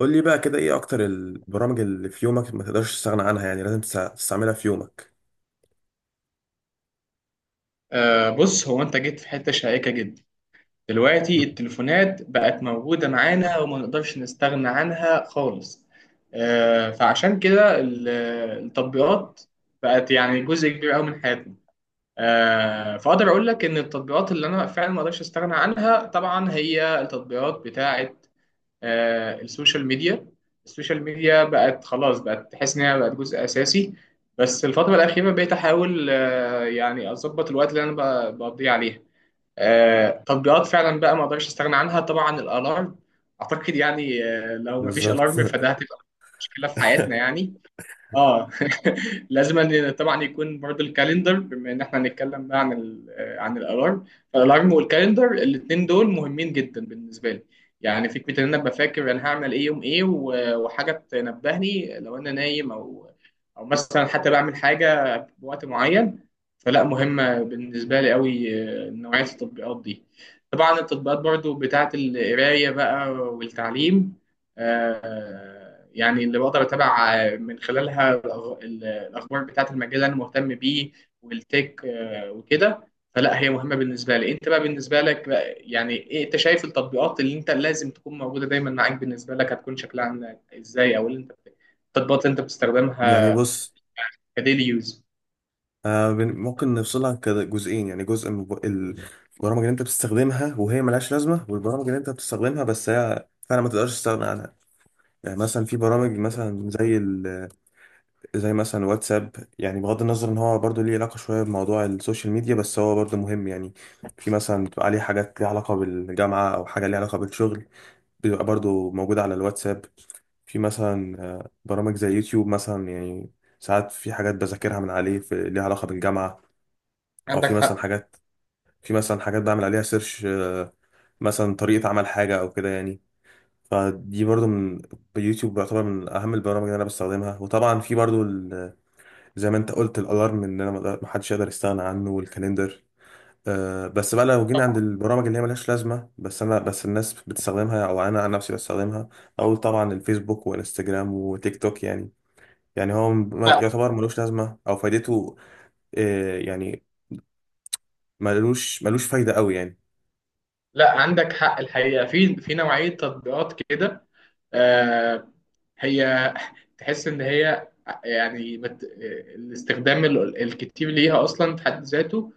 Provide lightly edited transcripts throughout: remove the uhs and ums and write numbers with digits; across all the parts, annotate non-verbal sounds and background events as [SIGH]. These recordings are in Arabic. قول لي بقى كده ايه اكتر البرامج اللي في يومك ما تقدرش تستغنى عنها؟ يعني لازم تستعملها في يومك. بص، هو انت جيت في حته شائكه جدا. دلوقتي مم. التليفونات بقت موجوده معانا وما نقدرش نستغنى عنها خالص. فعشان كده التطبيقات بقت يعني جزء كبير قوي من حياتنا. فاقدر اقول لك ان التطبيقات اللي انا فعلا ما اقدرش استغنى عنها طبعا هي التطبيقات بتاعه السوشيال ميديا. السوشيال ميديا بقت خلاص، بقت تحس ان هي بقت جزء اساسي. بس الفتره الاخيره بقيت احاول يعني اظبط الوقت اللي انا بقضيه عليها. تطبيقات فعلا بقى ما اقدرش استغنى عنها طبعا الالارم. اعتقد يعني، لو ما فيش بالظبط. الارم فده هتبقى مشكله في حياتنا [LAUGHS] يعني. اه. [LAUGHS] لازم أن طبعا يكون برضو الكالندر، بما ان احنا هنتكلم بقى عن عن الالارم. فالالارم والكالندر الاثنين دول مهمين جدا بالنسبه لي. يعني فكره ان انا ابقى فاكر انا هعمل ايه يوم ايه و- وحاجه تنبهني لو انا نايم او مثلا حتى بعمل حاجه بوقت معين. فلا، مهمه بالنسبه لي قوي. نوعيه التطبيقات دي. طبعا التطبيقات برضو بتاعت القرايه بقى والتعليم. يعني اللي بقدر اتابع من خلالها الاخبار بتاعت المجال اللي انا مهتم بيه، والتك وكده. فلا، هي مهمه بالنسبه لي. انت بقى بالنسبه لك بقى يعني ايه؟ انت شايف التطبيقات اللي انت لازم تكون موجوده دايما معاك بالنسبه لك هتكون شكلها عامله ازاي؟ او اللي انت التطبيقات اللي انت يعني بتستخدمها بص، كديلي يوز. ممكن نفصلها كده جزئين، يعني جزء من البرامج اللي انت بتستخدمها وهي ملهاش لازمة، والبرامج اللي انت بتستخدمها بس هي فعلا ما تقدرش تستغنى عنها. يعني مثلا في برامج مثلا زي مثلا واتساب، يعني بغض النظر ان هو برضه ليه علاقة شوية بموضوع السوشيال ميديا بس هو برضه مهم. يعني في مثلا بتبقى عليه حاجات ليها علاقة بالجامعة او حاجة ليها علاقة بالشغل، بيبقى برضو موجود على الواتساب. في مثلا برامج زي يوتيوب مثلا، يعني ساعات في حاجات بذاكرها من عليه في ليها علاقة بالجامعة، أو عندك في مثلا حق. حاجات، في مثلا حاجات بعمل عليها سيرش، مثلا طريقة عمل حاجة أو كده يعني. فدي برضو من يوتيوب بيعتبر من أهم البرامج اللي أنا بستخدمها. وطبعا في برضو زي ما أنت قلت الألارم، إن أنا ما حدش يقدر يستغنى عنه، والكاليندر. بس بقى لو جينا عند البرامج اللي هي ملهاش لازمة، بس أنا، بس الناس بتستخدمها أو أنا عن نفسي بستخدمها، أقول طبعا الفيسبوك وإنستجرام وتيك توك. يعني يعني هو لا. يعتبر ملوش لازمة أو فايدته، يعني ملوش ملوش فايدة أوي يعني. لا، عندك حق الحقيقه، في نوعيه تطبيقات كده. آه، هي تحس ان هي يعني الاستخدام الكتير ليها اصلا في حد ذاته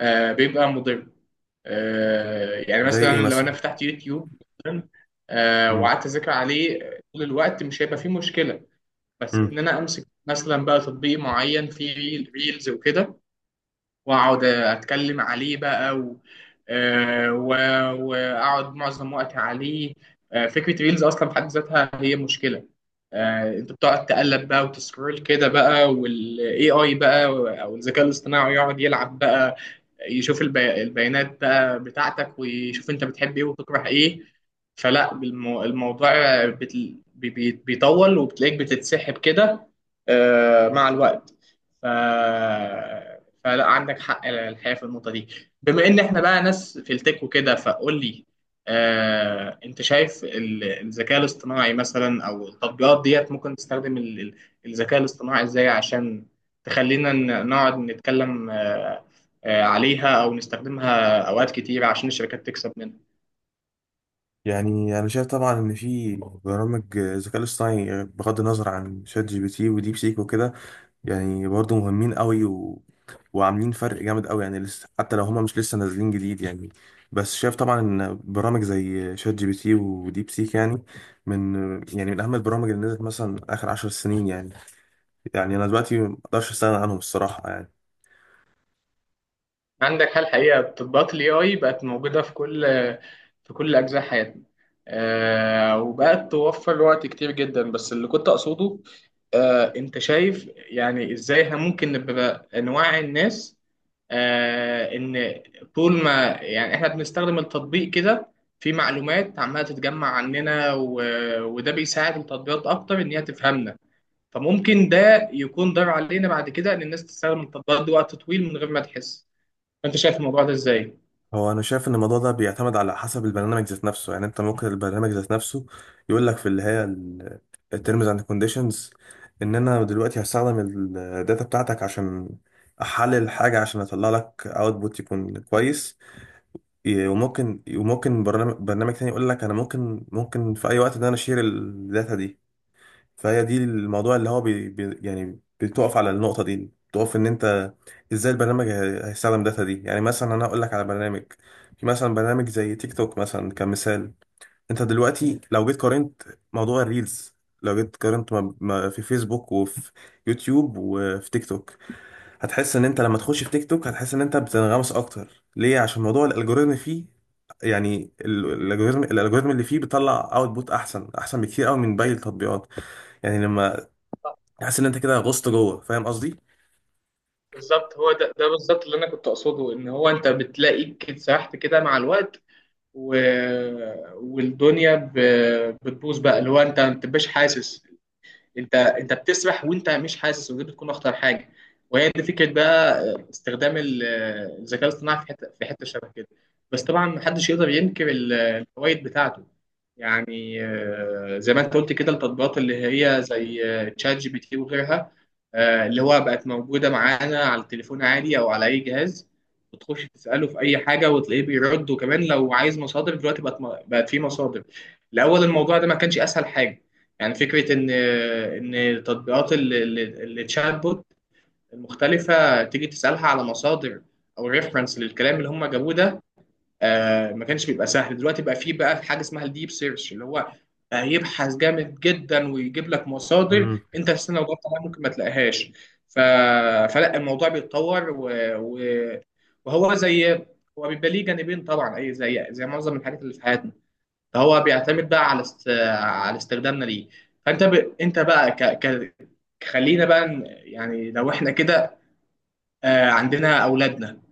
بيبقى مضر. يعني زي مثلا إيه لو مثلا؟ انا فتحت يوتيوب مثلا، مم. وقعدت اذاكر عليه طول الوقت مش هيبقى فيه مشكله. بس مم. ان انا امسك مثلا بقى تطبيق معين فيه ريلز وكده، واقعد اتكلم عليه بقى واقعد معظم وقتي عليه. فكره ريلز اصلا في حد ذاتها هي مشكله. انت بتقعد تقلب بقى وتسكرول كده بقى والاي اي بقى، او الذكاء الاصطناعي يقعد يلعب بقى، يشوف البيانات بقى بتاعتك ويشوف انت بتحب ايه وتكره ايه. فلا الموضوع بيطول وبتلاقيك بتتسحب كده مع الوقت. ف... فلا عندك حق الحقيقه في النقطه دي. بما ان احنا بقى ناس في التك وكده، فقول لي، انت شايف الذكاء الاصطناعي مثلا او التطبيقات ديت ممكن تستخدم الذكاء الاصطناعي ازاي عشان تخلينا نقعد نتكلم عليها او نستخدمها اوقات كتير عشان الشركات تكسب منها؟ يعني أنا شايف طبعا إن في برامج، الذكاء الاصطناعي، بغض النظر عن شات جي بي تي وديب سيك وكده، يعني برضو مهمين قوي، و... وعاملين فرق جامد قوي، يعني لسه حتى لو هما مش لسه نازلين جديد يعني. بس شايف طبعا ان برامج زي شات جي بي تي وديب سيك، يعني من يعني من اهم البرامج اللي نزلت مثلا اخر عشر سنين. يعني يعني انا دلوقتي ما اقدرش استغنى عنهم الصراحة يعني. عندك حل حقيقة، تطبيقات ال AI بقت موجودة في كل أجزاء حياتنا. وبقت توفر وقت كتير جدا، بس اللي كنت أقصده، أنت شايف يعني إزاي إحنا ممكن نبقى نوعي الناس إن طول ما يعني إحنا بنستخدم التطبيق كده في معلومات عمالة تتجمع عننا وده بيساعد التطبيقات أكتر إن هي تفهمنا، فممكن ده يكون ضرر علينا بعد كده إن الناس تستخدم التطبيقات دي وقت طويل من غير ما تحس. انت شايف الموضوع ده ازاي؟ هو انا شايف ان الموضوع ده بيعتمد على حسب البرنامج ذات نفسه. يعني انت ممكن البرنامج ذات نفسه يقول لك في اللي هي التيرمز اند كونديشنز، ان انا دلوقتي هستخدم الداتا بتاعتك عشان احلل حاجه عشان اطلع لك اوتبوت يكون كويس. مم. وممكن، برنامج برنامج تاني يقول لك انا ممكن، في اي وقت ان انا اشير الداتا دي. فهي دي الموضوع اللي هو بي بي يعني بتقف على النقطة دي، بتقف ان انت ازاي البرنامج هيستخدم الداتا دي. يعني مثلا انا اقول لك على برنامج، في مثلا برنامج زي تيك توك مثلا كمثال. انت دلوقتي لو جيت قارنت موضوع الريلز، لو جيت قارنت ما في فيسبوك وفي يوتيوب وفي تيك توك، هتحس ان انت لما تخش في تيك توك هتحس ان انت بتنغمس اكتر. ليه؟ عشان موضوع الالجوريزم فيه. يعني الالجوريزم، الالجوريزم اللي فيه بيطلع اوتبوت احسن احسن بكتير قوي من باقي التطبيقات. يعني لما تحس ان انت كده غصت جوه، فاهم قصدي؟ بالظبط، هو ده بالظبط اللي انا كنت اقصده، ان هو انت بتلاقيك كده سرحت كده مع الوقت و... والدنيا بتبوظ بقى، اللي هو انت ما بتبقاش حاسس. انت بتسبح وانت مش حاسس، ودي بتكون اخطر حاجه. وهي دي فكره بقى استخدام الذكاء الاصطناعي في حته شبه كده. بس طبعا محدش يقدر ينكر الفوائد بتاعته. يعني زي ما انت قلت كده التطبيقات اللي هي زي تشات جي بي تي وغيرها، اللي هو بقت موجوده معانا على التليفون عادي او على اي جهاز. بتخش تساله في اي حاجه وتلاقيه بيرد، وكمان لو عايز مصادر دلوقتي بقت في مصادر. الاول الموضوع ده ما كانش اسهل حاجه. يعني فكرة إن تطبيقات الشات بوت المختلفة تيجي تسألها على مصادر أو ريفرنس للكلام اللي هم جابوه ده ما كانش بيبقى سهل. دلوقتي بقى فيه بقى حاجة اسمها الديب سيرش اللي هو بقى يبحث جامد جدا ويجيب لك مصادر امم. أنت أساسا لو دورت عليها ممكن ما تلاقيهاش. ف... فلا الموضوع بيتطور و... و... وهو زي هو بيبقى ليه جانبين طبعا، أي زي معظم الحاجات اللي في حياتنا. فهو بيعتمد بقى على استخدامنا ليه. فانت ب... انت بقى خلينا بقى يعني لو احنا كده عندنا اولادنا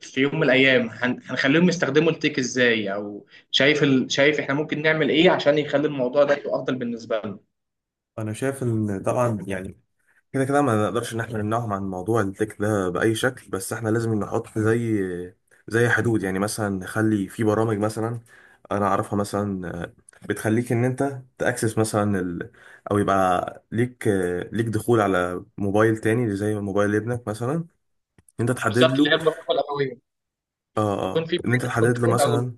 في يوم من الايام هنخليهم يستخدموا التيك ازاي، او شايف احنا ممكن نعمل ايه عشان يخلي الموضوع ده يبقى افضل بالنسبه لنا؟ انا شايف ان طبعا، يعني كده كده ما نقدرش ان احنا نمنعهم عن موضوع التك ده باي شكل، بس احنا لازم نحط زي، زي حدود. يعني مثلا نخلي في برامج مثلا انا اعرفها مثلا، بتخليك ان انت تاكسس مثلا ال، او يبقى ليك، ليك دخول على موبايل تاني زي موبايل ابنك مثلا، ان انت تحدد بالظبط، اللي له. هي الرقابه الابويه. اه يكون اه، في ان انت تحدد له كنترول او مثلا.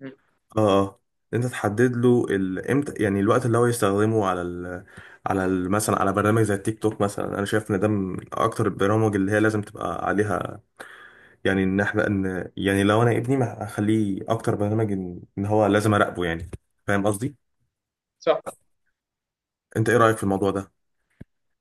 مم. اه اه، انت تحدد له ال، امتى، يعني الوقت اللي هو يستخدمه على ال، على ال، مثلا على برنامج زي التيك توك مثلا. انا شايف ان ده من اكتر البرامج اللي هي لازم تبقى عليها. يعني ان احنا، ان، يعني لو انا ابني ما اخليه اكتر برنامج، إن هو لازم اراقبه يعني. فاهم قصدي؟ صح. انت ايه رايك في الموضوع ده؟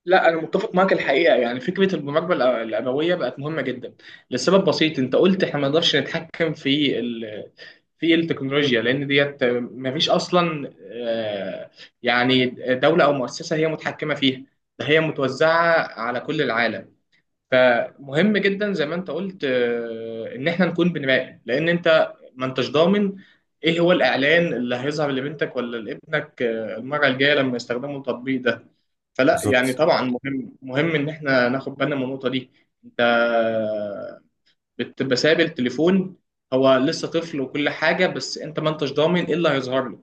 لا، انا متفق معاك الحقيقه. يعني فكره المراقبه الابويه بقت مهمه جدا، لسبب بسيط. انت قلت احنا ما نقدرش نتحكم في التكنولوجيا لان ديت ما فيش اصلا يعني دوله او مؤسسه هي متحكمه فيها، ده هي متوزعه على كل العالم. فمهم جدا زي ما انت قلت، ان احنا نكون بنراقب، لان انت ما انتش ضامن ايه هو الاعلان اللي هيظهر لبنتك ولا لابنك المره الجايه لما يستخدموا التطبيق ده. فلا يعني بالظبط. طبعا مهم مهم ان احنا ناخد بالنا من النقطه دي. انت بتبقى سايب التليفون هو لسه طفل وكل حاجه، بس انت ما انتش ضامن ايه اللي هيظهر له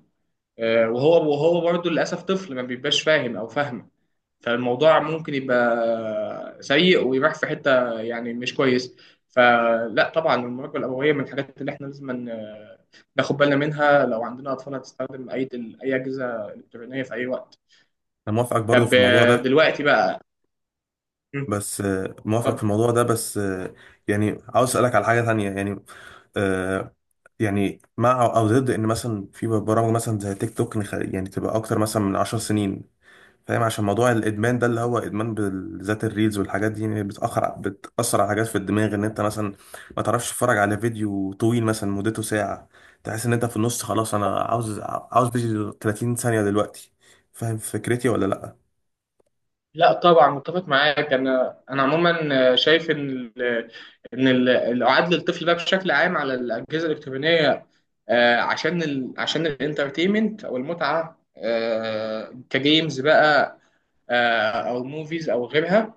وهو برضه للاسف طفل ما بيبقاش فاهم او فاهمه. فالموضوع ممكن يبقى سيء ويروح في حتة يعني مش كويس. فلا طبعا المراقبة الأبوية من الحاجات اللي احنا لازم ناخد بالنا منها لو عندنا أطفال هتستخدم أي أجهزة إلكترونية في أي وقت. انا موافقك برضو طب في الموضوع ده، دلوقتي بقى مم، بس موافقك في اتفضل. الموضوع ده بس، يعني عاوز اسالك على حاجه تانية. يعني آه يعني مع او ضد ان مثلا في برامج مثلا زي تيك توك يعني تبقى اكتر مثلا من عشر سنين. فاهم؟ عشان موضوع الادمان ده، اللي هو ادمان بالذات الريلز والحاجات دي، يعني بتاخر بتاثر على حاجات في الدماغ، ان انت مثلا ما تعرفش تتفرج على فيديو طويل مثلا مدته ساعه، تحس ان انت في النص خلاص، انا عاوز، عاوز فيديو 30 ثانيه دلوقتي. فاهم فكرتي ولا لا؟ لا طبعا متفق معاك. انا عموما شايف ال- الاعاد للطفل بقى بشكل عام على الاجهزه الالكترونيه، عشان الانترتينمنت او المتعه، كجيمز بقى، او موفيز او غيرها،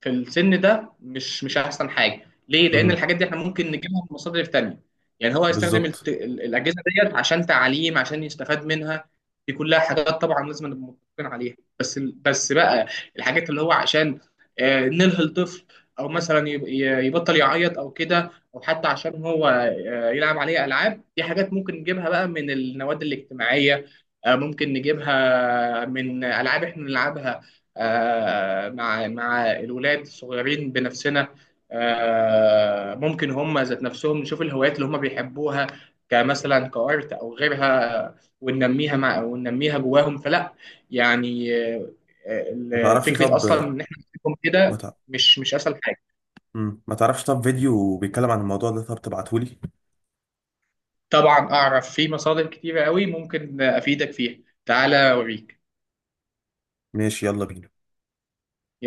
في السن ده مش احسن حاجه ليه، لان امم. الحاجات دي احنا ممكن نجيبها من مصادر تانية. يعني هو يستخدم بالظبط. الاجهزه ديت عشان تعليم عشان يستفاد منها، دي كلها حاجات طبعا لازم نبقى متفقين عليها. بس بقى الحاجات اللي هو عشان نلهي الطفل، او مثلا يبطل يعيط او كده، او حتى عشان هو يلعب عليه العاب، دي حاجات ممكن نجيبها بقى من النوادي الاجتماعيه، ممكن نجيبها من العاب احنا نلعبها مع الولاد الصغيرين بنفسنا، ممكن هم ذات نفسهم نشوف الهوايات اللي هم بيحبوها، كمثلا كارت او غيرها، وننميها جواهم. فلا يعني ما تعرفش فكره اصلا طب، ان احنا نسيبهم ما كده تع... مش اسهل حاجه. مم. ما تعرفش طب فيديو بيتكلم عن الموضوع ده طب تبعتهولي؟ طبعا اعرف في مصادر كتيره قوي ممكن افيدك فيها، تعالى اوريك. ماشي، يلا بينا.